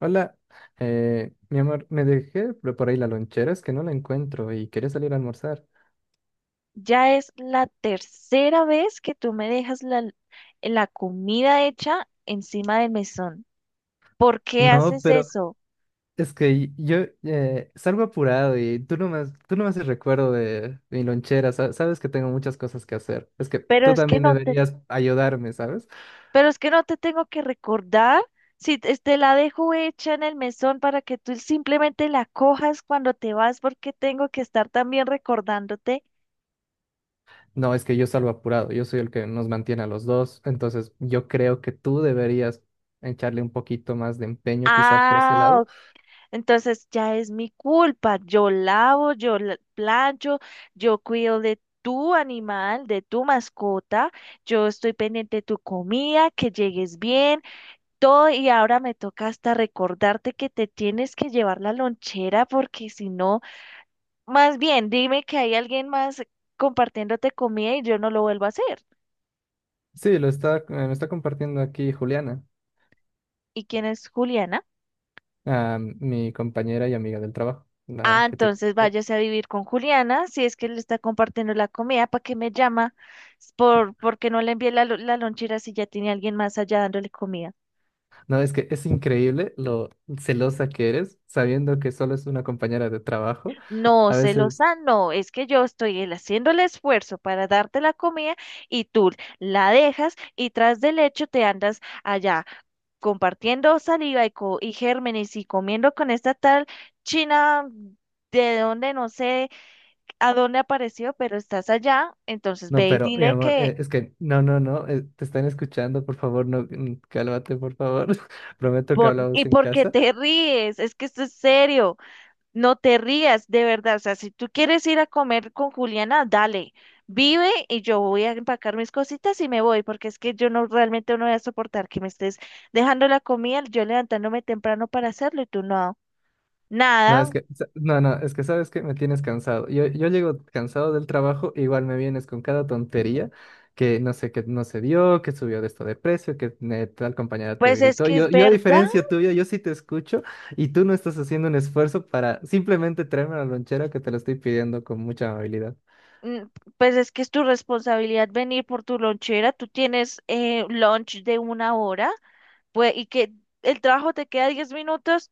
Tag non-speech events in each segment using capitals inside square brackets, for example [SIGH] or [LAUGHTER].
Hola, mi amor, me dejé por ahí la lonchera, es que no la encuentro y quería salir a almorzar. Ya es la tercera vez que tú me dejas la comida hecha encima del mesón. ¿Por qué No, haces pero eso? es que yo salgo apurado y tú no me haces recuerdo de mi lonchera, sabes que tengo muchas cosas que hacer. Es que Pero tú es que también no te, deberías ayudarme, ¿sabes? pero es que no te tengo que recordar si te la dejo hecha en el mesón para que tú simplemente la cojas cuando te vas, porque tengo que estar también recordándote. No, es que yo salgo apurado, yo soy el que nos mantiene a los dos, entonces yo creo que tú deberías echarle un poquito más de empeño quizá por ese Ah, lado. entonces ya es mi culpa. Yo lavo, plancho, yo cuido de tu animal, de tu mascota, yo estoy pendiente de tu comida, que llegues bien, todo. Y ahora me toca hasta recordarte que te tienes que llevar la lonchera porque si no, más bien dime que hay alguien más compartiéndote comida y yo no lo vuelvo a hacer. Sí, lo está, me está compartiendo aquí Juliana. ¿Y quién es Juliana? A mi compañera y amiga del trabajo, Ah, la que te entonces conté. váyase a vivir con Juliana, si es que le está compartiendo la comida, ¿para qué me llama? Porque no le envié la lonchera si ya tiene alguien más allá dándole comida. No, es que es increíble lo celosa que eres, sabiendo que solo es una compañera de trabajo. No, A veces, celosa, no, es que yo estoy haciendo el esfuerzo para darte la comida y tú la dejas y tras del hecho te andas allá compartiendo saliva y gérmenes y comiendo con esta tal china de donde no sé a dónde apareció, pero estás allá, entonces no, ve y pero mi dile amor, que. Es que no, no, no, te están escuchando, por favor, no, cálmate, por favor. [LAUGHS] Prometo que ¿Y hablamos en por qué casa. te ríes? Es que esto es serio. No te rías, de verdad. O sea, si tú quieres ir a comer con Juliana, dale. Vive y yo voy a empacar mis cositas y me voy, porque es que yo no realmente no voy a soportar que me estés dejando la comida, yo levantándome temprano para hacerlo y tú no. No, Nada, no, no, es que sabes que me tienes cansado. Yo llego cansado del trabajo, igual me vienes con cada tontería que no sé, que no se dio, que subió de esto de precio, que tal compañera te pues es gritó. que es Yo a verdad. diferencia tuya, yo sí te escucho y tú no estás haciendo un esfuerzo para simplemente traerme la lonchera que te lo estoy pidiendo con mucha amabilidad. mm, pues es que es tu responsabilidad venir por tu lonchera, tú tienes lunch de 1 hora, pues y que el trabajo te queda 10 minutos.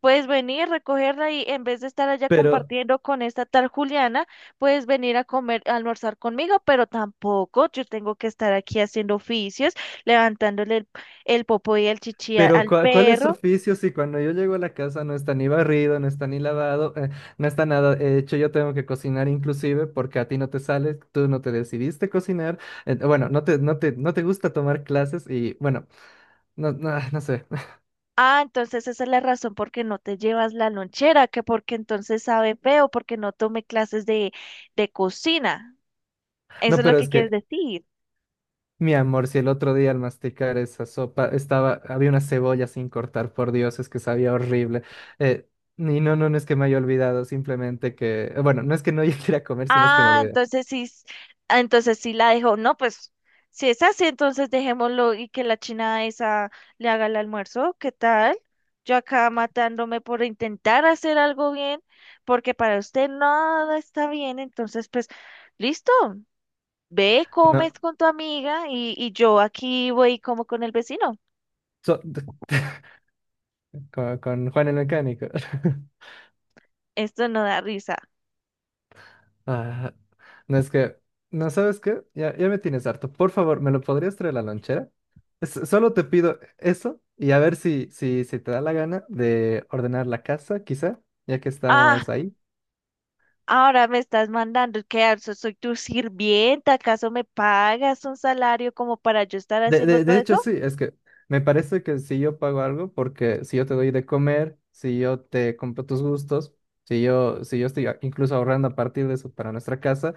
Puedes venir, recogerla y en vez de estar allá Pero compartiendo con esta tal Juliana, puedes venir a comer, a almorzar conmigo, pero tampoco yo tengo que estar aquí haciendo oficios, levantándole el popo y el chichi Pero al ¿ cuál es su perro. oficio si cuando yo llego a la casa no está ni barrido, no está ni lavado, no está nada hecho? Yo tengo que cocinar inclusive porque a ti no te sale, tú no te decidiste cocinar, bueno, no te gusta tomar clases y bueno, no, no, no sé. [LAUGHS] Ah, entonces esa es la razón por qué no te llevas la lonchera, que porque entonces sabe feo, porque no tomé clases de cocina. Eso No, es lo pero que es quieres que, decir. mi amor, si el otro día al masticar esa sopa estaba, había una cebolla sin cortar, por Dios, es que sabía horrible. Eh, y no, no, no es que me haya olvidado, simplemente que, bueno, no es que no [LAUGHS] yo quiera comer, sino es que me Ah, olvidé. entonces sí, s- ah, entonces sí la dejó. No, pues si es así, entonces dejémoslo y que la china esa le haga el almuerzo. ¿Qué tal? Yo acá matándome por intentar hacer algo bien, porque para usted nada está bien. Entonces, pues, listo. Ve, No, comes con tu amiga y, yo aquí voy y como con el vecino. so- [LAUGHS] con Juan el mecánico. [LAUGHS] Esto no da risa. Ah, no es que, no sabes qué, ya me tienes harto. Por favor, ¿me lo podrías traer a la lonchera? Solo te pido eso y a ver si te da la gana de ordenar la casa, quizá, ya que Ah, estamos ahí. ahora me estás mandando que ¿acaso soy tu sirvienta? ¿Acaso me pagas un salario como para yo estar haciendo todo De hecho, eso? sí, es que me parece que si yo pago algo, porque si yo te doy de comer, si yo te compro tus gustos, si yo estoy incluso ahorrando a partir de eso para nuestra casa.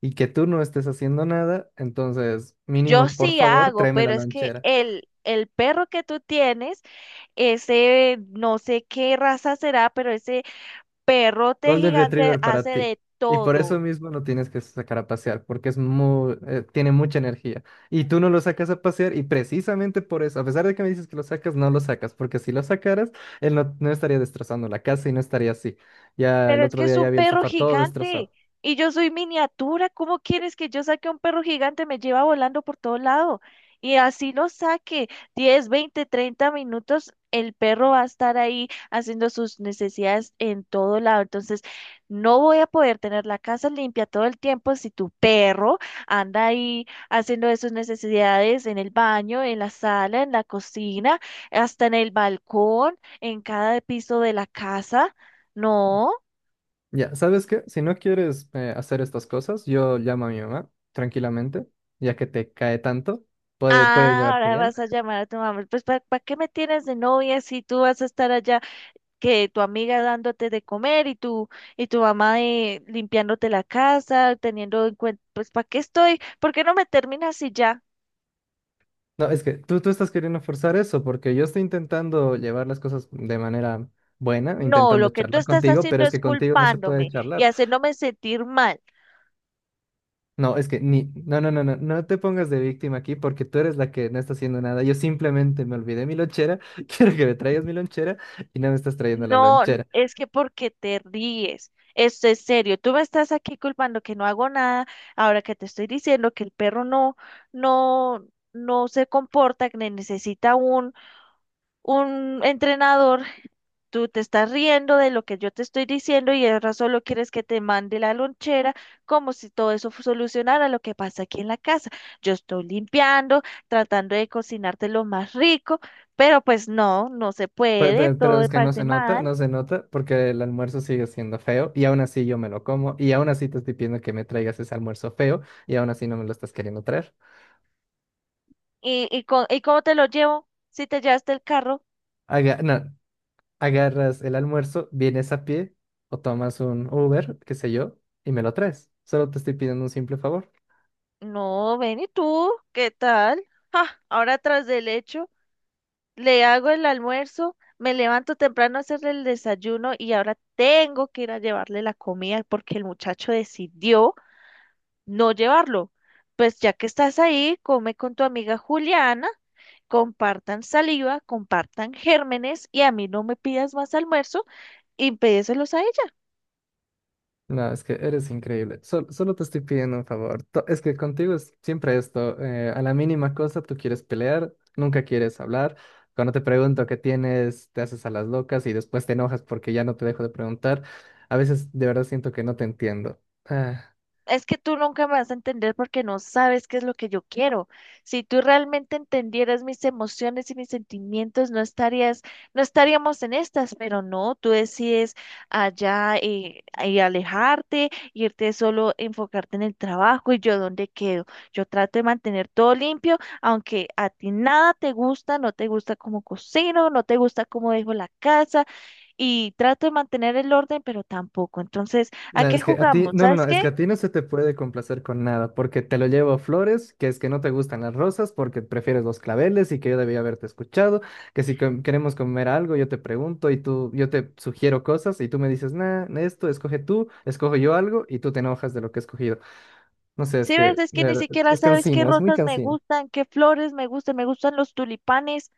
Y que tú no estés haciendo nada, entonces Yo mínimo, por sí favor, hago, tráeme pero la es que lonchera. El perro que tú tienes, ese no sé qué raza será, pero ese perrote Golden gigante Retriever hace para ti. de Y por eso todo. mismo no tienes que sacar a pasear, porque es muy, tiene mucha energía. Y tú no lo sacas a pasear y precisamente por eso, a pesar de que me dices que lo sacas, no lo sacas, porque si lo sacaras, él no, no estaría destrozando la casa y no estaría así. Ya el Pero es otro que es día ya un vi el perro sofá todo gigante destrozado. y yo soy miniatura. ¿Cómo quieres que yo saque a un perro gigante? Me lleva volando por todo lado. Y así lo saque 10 20 30 minutos, el perro va a estar ahí haciendo sus necesidades en todo lado. Entonces, no voy a poder tener la casa limpia todo el tiempo si tu perro anda ahí haciendo de sus necesidades en el baño, en la sala, en la cocina, hasta en el balcón, en cada piso de la casa. No. Ya, ¿sabes qué? Si no quieres hacer estas cosas, yo llamo a mi mamá tranquilamente, ya que te cae tanto, puede Ah, llevarte ahora bien. vas a llamar a tu mamá. Pues, ¿para qué me tienes de novia si tú vas a estar allá, que tu amiga dándote de comer y tu mamá limpiándote la casa, teniendo en cuenta, pues, ¿para qué estoy? ¿Por qué no me terminas y ya? No, es que tú estás queriendo forzar eso, porque yo estoy intentando llevar las cosas de manera buena, No, intentando lo que tú charlar estás contigo, pero haciendo es es que contigo no se puede culpándome y charlar. haciéndome sentir mal. No, es que ni, no, no, no, no, no te pongas de víctima aquí porque tú eres la que no está haciendo nada. Yo simplemente me olvidé mi lonchera, [LAUGHS] quiero que me traigas mi lonchera y no me estás trayendo la No, lonchera. es que porque te ríes. Esto es serio. Tú me estás aquí culpando que no hago nada, ahora que te estoy diciendo que el perro no, no se comporta, que necesita un entrenador. Tú te estás riendo de lo que yo te estoy diciendo y ahora solo quieres que te mande la lonchera como si todo eso solucionara lo que pasa aquí en la casa. Yo estoy limpiando, tratando de cocinarte lo más rico, pero pues no, no se puede, Pero, todo es que no parece se nota, mal. no se nota porque el almuerzo sigue siendo feo y aún así yo me lo como y aún así te estoy pidiendo que me traigas ese almuerzo feo y aún así no me lo estás queriendo traer. ¿ Y cómo te lo llevo? Si te llevaste el carro. No, agarras el almuerzo, vienes a pie o tomas un Uber, qué sé yo, y me lo traes. Solo te estoy pidiendo un simple favor. No, ven y tú, ¿qué tal? Ja, ahora tras del hecho, le hago el almuerzo, me levanto temprano a hacerle el desayuno y ahora tengo que ir a llevarle la comida porque el muchacho decidió no llevarlo. Pues ya que estás ahí, come con tu amiga Juliana, compartan saliva, compartan gérmenes y a mí no me pidas más almuerzo y pedíselos a ella. No, es que eres increíble. Solo te estoy pidiendo un favor. Es que contigo es siempre esto. A la mínima cosa tú quieres pelear, nunca quieres hablar. Cuando te pregunto qué tienes, te haces a las locas y después te enojas porque ya no te dejo de preguntar. A veces de verdad siento que no te entiendo. Ah, Es que tú nunca me vas a entender porque no sabes qué es lo que yo quiero. Si tú realmente entendieras mis emociones y mis sentimientos, no estaríamos en estas, pero no, tú decides allá y alejarte, irte solo, enfocarte en el trabajo y yo dónde quedo. Yo trato de mantener todo limpio, aunque a ti nada te gusta, no te gusta cómo cocino, no te gusta cómo dejo la casa y trato de mantener el orden, pero tampoco. Entonces, ¿a No, qué es que a ti, jugamos? no, no, no, ¿Sabes es que qué? a ti no se te puede complacer con nada, porque te lo llevo flores, que es que no te gustan las rosas, porque prefieres los claveles y que yo debía haberte escuchado, que si queremos comer algo, yo te pregunto y tú, yo te sugiero cosas y tú me dices, nah, esto, escoge tú, escojo yo algo y tú te enojas de lo que he escogido. No sé, es Sí, que, ves, es de que ni verdad, siquiera es sabes qué cansino, es muy rosas me cansino. gustan, qué flores me gustan los tulipanes,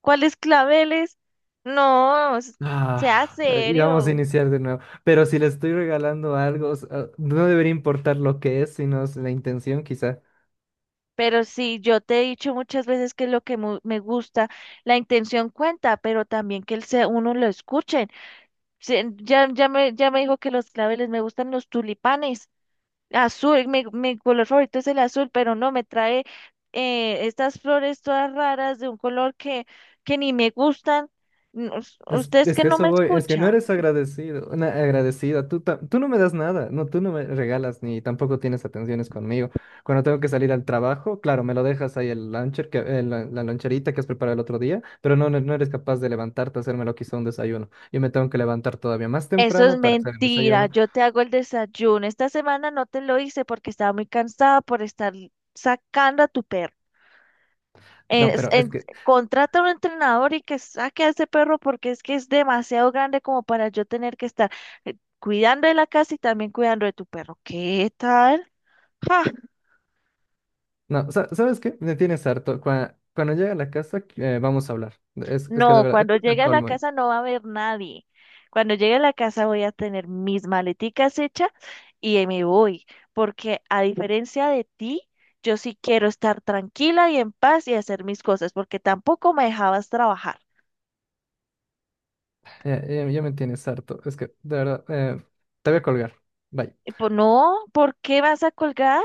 cuáles claveles. No, s- Sea Y vamos a serio. iniciar de nuevo. Pero si le estoy regalando algo, o sea, no debería importar lo que es, sino es la intención, quizá. Pero sí, yo te he dicho muchas veces que lo que me gusta, la intención cuenta, pero también que el se uno lo escuchen. Sí, ya me dijo que los claveles me gustan los tulipanes. Azul, mi color favorito es el azul, pero no me trae estas flores todas raras de un color que ni me gustan. No, us- Es, Usted es es que que no eso me voy, es que no escucha. eres agradecido, una agradecida, tú no me das nada, no, tú no me regalas ni tampoco tienes atenciones conmigo. Cuando tengo que salir al trabajo, claro, me lo dejas ahí el luncher, que, la loncherita que has preparado el otro día, pero no, no, no eres capaz de levantarte a hacerme lo que hizo un desayuno. Yo me tengo que levantar todavía más Eso es temprano para hacer el mentira. desayuno. Yo te hago el desayuno. Esta semana no te lo hice porque estaba muy cansada por estar sacando a tu perro. No, Es- pero es en- que, Contrata a un entrenador y que saque a ese perro porque es que es demasiado grande como para yo tener que estar cuidando de la casa y también cuidando de tu perro. ¿Qué tal? [LAUGHS] no, ¿sabes qué? Me tienes harto. Cuando llegue a la casa, vamos a hablar. Es que de No, verdad, cuando esto es el llegue a la colmo. casa no va a haber nadie. Cuando llegue a la casa voy a tener mis maleticas hechas y ahí me voy, porque a diferencia de ti, yo sí quiero estar tranquila y en paz y hacer mis cosas, porque tampoco me dejabas trabajar. Ya me tienes harto. Es que, de verdad, te voy a colgar. Bye. Y pues no, ¿por qué vas a colgar?